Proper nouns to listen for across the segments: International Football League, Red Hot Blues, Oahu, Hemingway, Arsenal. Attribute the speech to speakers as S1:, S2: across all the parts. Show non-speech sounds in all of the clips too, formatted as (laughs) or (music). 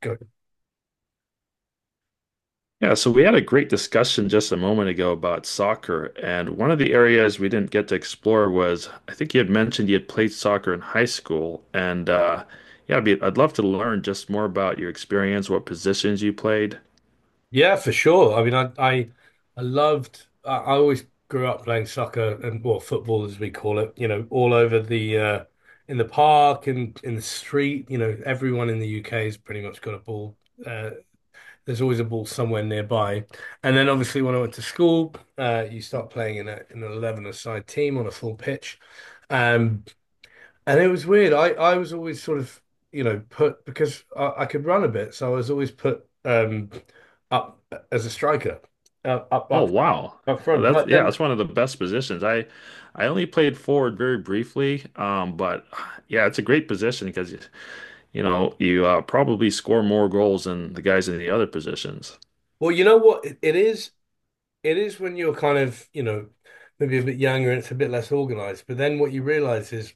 S1: Good.
S2: Yeah, so we had a great discussion just a moment ago about soccer, and one of the areas we didn't get to explore was I think you had mentioned you had played soccer in high school, and yeah, I'd love to learn just more about your experience, what positions you played.
S1: Yeah, for sure. I mean, I loved. I always grew up playing soccer and, well, football as we call it. You know, all over the in the park and in the street. You know, everyone in the UK has pretty much got a ball. Uh, there's always a ball somewhere nearby. And then obviously when I went to school, you start playing in an 11-a-side team on a full pitch. Um, And it was weird. I was always sort of, you know, put because I could run a bit, so I was always put up as a striker, uh, up
S2: Oh,
S1: up
S2: wow.
S1: up
S2: Oh,
S1: front.
S2: that's
S1: But
S2: yeah,
S1: then,
S2: that's one of the best positions. I only played forward very briefly, but yeah, it's a great position because you know you probably score more goals than the guys in the other positions.
S1: well, you know what? It is when you're kind of, you know, maybe a bit younger and it's a bit less organized. But then what you realize is,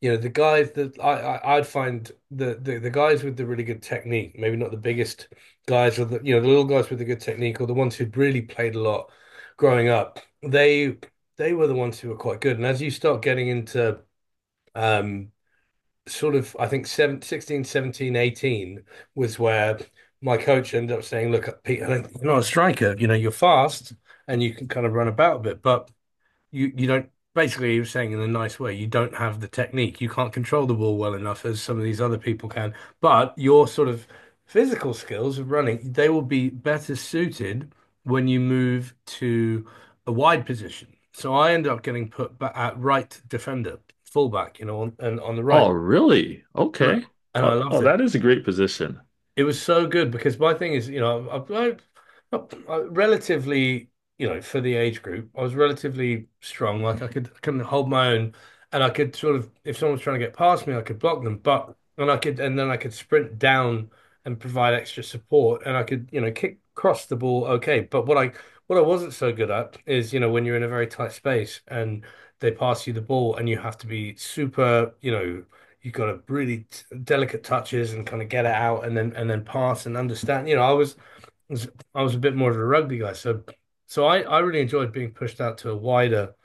S1: you know, the guys that I'd find, the the guys with the really good technique, maybe not the biggest guys, or, the you know, the little guys with the good technique, or the ones who'd really played a lot growing up. They were the ones who were quite good. And as you start getting into, um sort of I think seven 16 17 18 was where my coach ended up saying, "Look, Pete, I think you're not a striker. You know, you're fast and you can kind of run about a bit, but." You don't, basically he was saying in a nice way, you don't have the technique, you can't control the ball well enough as some of these other people can, but your sort of physical skills of running, they will be better suited when you move to a wide position. So I end up getting put back at right defender, fullback, you know, and on the right.
S2: Oh, really?
S1: And
S2: Okay.
S1: I
S2: Oh,
S1: loved
S2: oh,
S1: it.
S2: that is a great position.
S1: It was so good because my thing is, you know, I relatively, you know, for the age group, I was relatively strong. Like I can hold my own, and I could sort of, if someone was trying to get past me, I could block them. But And I could, and then I could sprint down and provide extra support, and I could, you know, kick, cross the ball okay. But what I wasn't so good at is, you know, when you're in a very tight space and they pass you the ball, and you have to be super, you know, you've got to really delicate touches and kind of get it out, and then pass and understand. I was I was a bit more of a rugby guy, so I really enjoyed being pushed out to a wider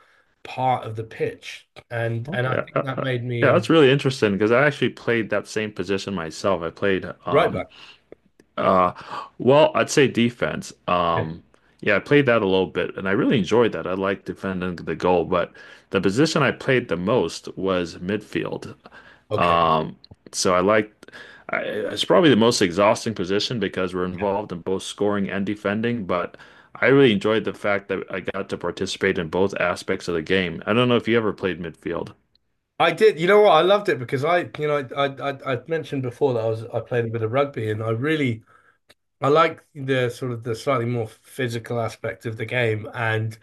S1: part of the pitch, and
S2: Okay.
S1: I think that made me,
S2: Yeah, that's really interesting because I actually played that same position myself. I played
S1: right back.
S2: uh well, I'd say defense.
S1: Yeah.
S2: Yeah, I played that a little bit and I really enjoyed that. I like defending the goal, but the position I played the most was midfield.
S1: Okay.
S2: Um, so it's probably the most exhausting position because we're
S1: Yeah.
S2: involved in both scoring and defending, but I really enjoyed the fact that I got to participate in both aspects of the game. I don't know if you ever played midfield.
S1: I did. You know what? I loved it because, I, you know, I mentioned before that I played a bit of rugby, and I really, I like the sort of the slightly more physical aspect of the game. And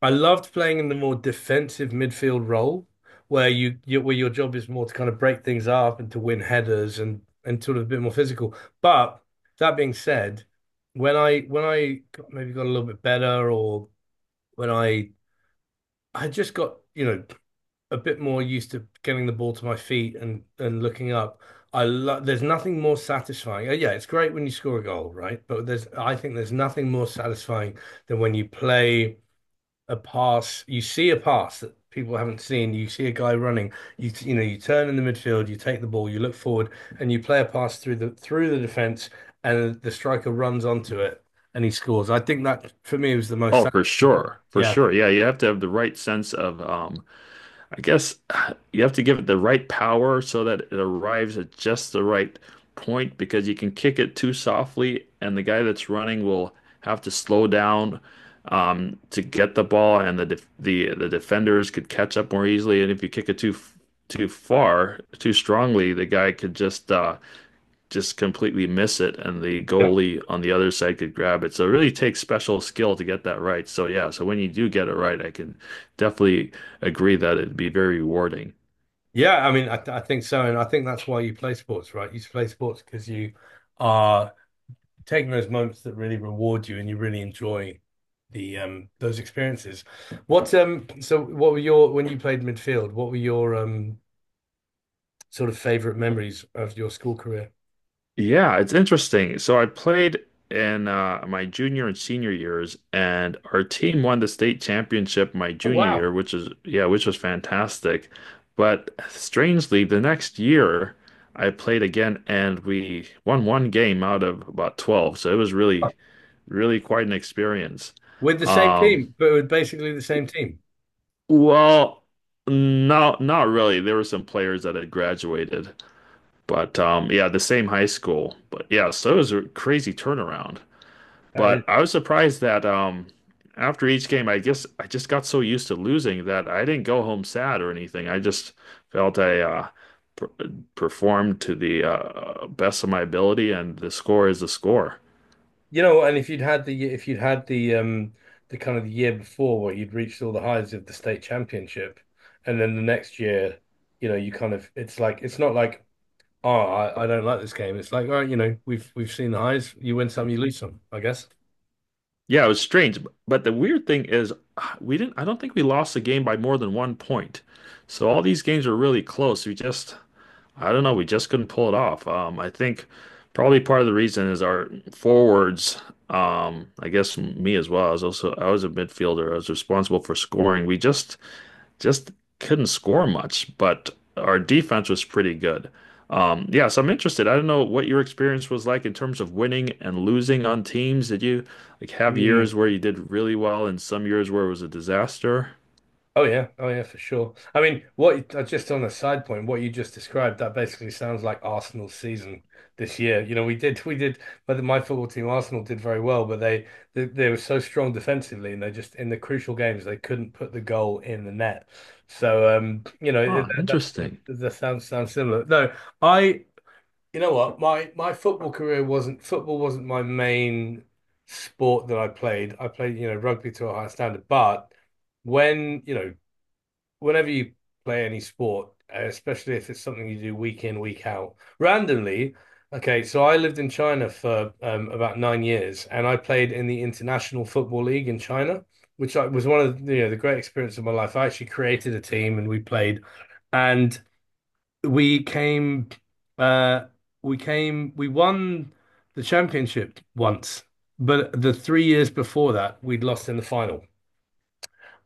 S1: I loved playing in the more defensive midfield role, where your job is more to kind of break things up and to win headers and sort of a bit more physical. But that being said, when I got, maybe got a little bit better, or when I just got, you know, a bit more used to getting the ball to my feet and looking up. I love. There's nothing more satisfying. Yeah, it's great when you score a goal, right? But there's, I think there's nothing more satisfying than when you play a pass. You see a pass that people haven't seen. You see a guy running. You you know, you turn in the midfield. You take the ball. You look forward, and you play a pass through the defense, and the striker runs onto it and he scores. I think that for me was the most
S2: Oh, for sure. For
S1: Yeah,
S2: sure. Yeah, you have to have the right sense of I guess you have to give it the right power so that it arrives at just the right point because you can kick it too softly, and the guy that's running will have to slow down to get the ball, and the defenders could catch up more easily. And if you kick it too far, too strongly, the guy could just completely miss it and the
S1: yeah,
S2: goalie on the other side could grab it. So it really takes special skill to get that right. So yeah, so when you do get it right, I can definitely agree that it'd be very rewarding.
S1: yeah. I mean, I think so, and I think that's why you play sports, right? You play sports because you are taking those moments that really reward you, and you really enjoy the, those experiences. What so what were your, when you played midfield, what were your sort of favorite memories of your school career?
S2: Yeah, it's interesting. So I played in my junior and senior years, and our team won the state championship my
S1: Oh,
S2: junior
S1: wow.
S2: year, which is yeah, which was fantastic. But strangely, the next year I played again, and we won one game out of about 12. So it was really quite an experience.
S1: With the same
S2: Um,
S1: team, but with basically the same team.
S2: well, no, not really. There were some players that had graduated, but yeah, the same high school. But yeah, so it was a crazy turnaround.
S1: Uh,
S2: But I was surprised that after each game, I guess I just got so used to losing that I didn't go home sad or anything. I just felt I per performed to the best of my ability, and the score is the score.
S1: you know, and if you'd had the, if you'd had the, the kind of the year before where you'd reached all the highs of the state championship, and then the next year, you know, you kind of, it's like, it's not like, oh, I don't like this game. It's like, all right, you know, we've seen the highs. You win some, you lose some, I guess.
S2: Yeah, it was strange. But the weird thing is, we didn't, I don't think we lost the game by more than 1 point. So all these games were really close. I don't know, we just couldn't pull it off. I think probably part of the reason is our forwards, I guess me as well. I was a midfielder. I was responsible for scoring. We just couldn't score much, but our defense was pretty good. Yeah, so I'm interested. I don't know what your experience was like in terms of winning and losing on teams. Did you like have
S1: Mm.
S2: years where you did really well and some years where it was a disaster?
S1: Oh yeah, oh yeah, for sure. I mean, what, just on a side point, what you just described, that basically sounds like Arsenal's season this year. You know, we did, but my football team, Arsenal, did very well, but they were so strong defensively, and they just, in the crucial games they couldn't put the goal in the net. So, you know,
S2: Ah,
S1: that, that's sort
S2: interesting.
S1: of- that sounds sounds similar. No, I, you know what, my football career wasn't, football wasn't my main sport that I played. I played, you know, rugby to a high standard, but, when you know, whenever you play any sport, especially if it's something you do week in, week out, randomly. Okay, so I lived in China for, about 9 years, and I played in the International Football League in China, which was one of the, you know, the great experience of my life. I actually created a team, and we played, and we came, uh, we came, we won the championship once, but the 3 years before that, we'd lost in the final.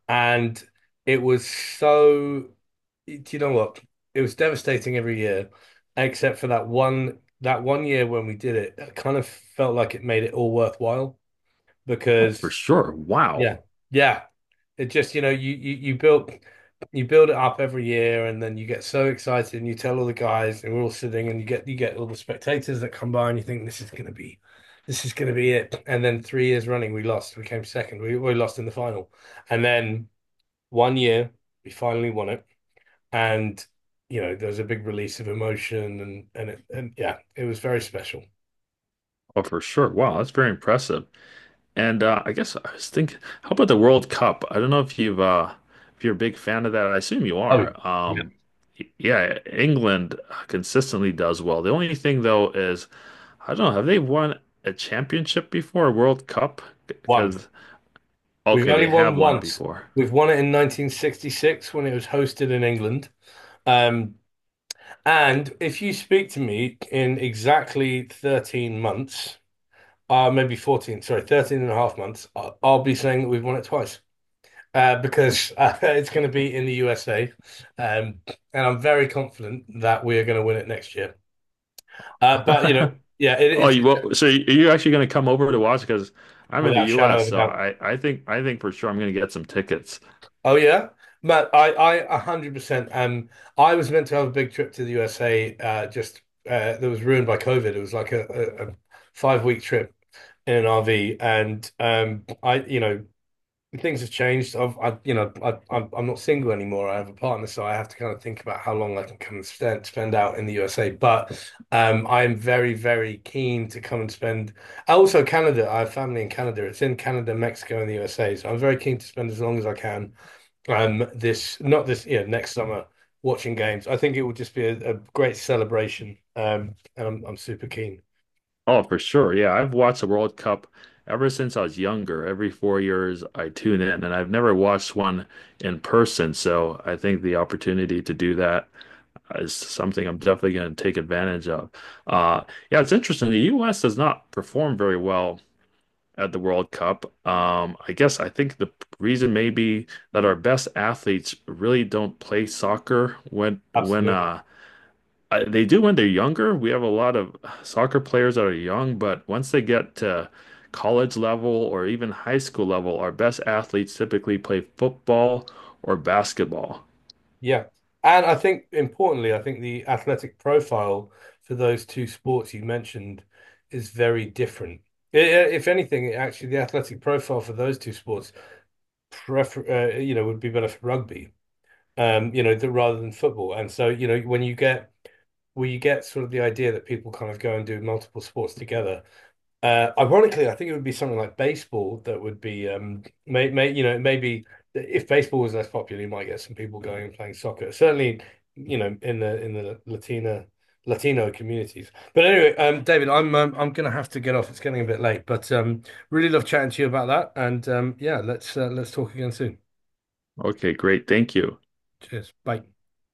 S1: And it was so, do you know what? It was devastating every year, except for that one year when we did it. I kind of felt like it made it all worthwhile
S2: Oh, for
S1: because,
S2: sure.
S1: yeah,
S2: Wow.
S1: yeah. It just, you know, you build, you build it up every year, and then you get so excited, and you tell all the guys, and we're all sitting, and you get all the spectators that come by, and you think this is gonna be, this is gonna be it. And then 3 years running we lost. We came second. We lost in the final. And then one year, we finally won it, and you know, there was a big release of emotion, and yeah, it was very special.
S2: Oh, for sure. Wow, that's very impressive. And I guess I was thinking, how about the World Cup? I don't know if you've if you're a big fan of that. I assume you
S1: Oh,
S2: are.
S1: yeah.
S2: Yeah, England consistently does well. The only thing though is I don't know, have they won a championship before a World Cup?
S1: One.
S2: Because
S1: We've
S2: okay,
S1: only
S2: they
S1: won
S2: have won
S1: once.
S2: before.
S1: We've won it in 1966 when it was hosted in England. Um, and if you speak to me in exactly 13 months, maybe 14, sorry, 13 and a half months, I'll be saying that we've won it twice. Because (laughs) it's going to be in the USA, um, and I'm very confident that we are going to win it next year. But you know,
S2: (laughs)
S1: yeah,
S2: Oh, you're actually going to come over to watch? Because I'm in the
S1: without a shadow
S2: U.S.,
S1: of a
S2: so
S1: doubt.
S2: I think for sure I'm going to get some tickets.
S1: Oh yeah, Matt, I 100%. I was meant to have a big trip to the USA. Just that was ruined by COVID. It was like a 5 week trip in an RV, and I, you know, things have changed. I've, you know, I'm not single anymore. I have a partner, so I have to kind of think about how long I can come and spend, spend out in the USA. But I am very, very keen to come and spend. Also, Canada. I have family in Canada. It's in Canada, Mexico, and the USA. So I'm very keen to spend as long as I can. This not this, yeah, next summer watching games. I think it will just be a great celebration. And I'm super keen.
S2: Oh, for sure. Yeah, I've watched the World Cup ever since I was younger. Every 4 years, I tune in, and I've never watched one in person. So I think the opportunity to do that is something I'm definitely going to take advantage of. Uh, yeah, it's interesting. The U.S. does not perform very well at the World Cup. I guess I think the reason may be that our best athletes really don't play soccer when when
S1: Absolutely.
S2: uh, I, they do when they're younger. We have a lot of soccer players that are young, but once they get to college level or even high school level, our best athletes typically play football or basketball.
S1: Yeah. And I think importantly, I think the athletic profile for those two sports you mentioned is very different. I- i- If anything, actually, the athletic profile for those two sports prefer, you know, would be better for rugby, you know, th rather than football. And so, you know, when you get, where you get sort of the idea that people kind of go and do multiple sports together, ironically, I think it would be something like baseball that would be, you know, maybe if baseball was less popular, you might get some people going and playing soccer. Certainly, you know, in the Latina, Latino communities. But anyway, David, I'm gonna have to get off. It's getting a bit late, but really love chatting to you about that. And yeah, let's, let's talk again soon.
S2: Okay, great. Thank you.
S1: Cheers. Bye.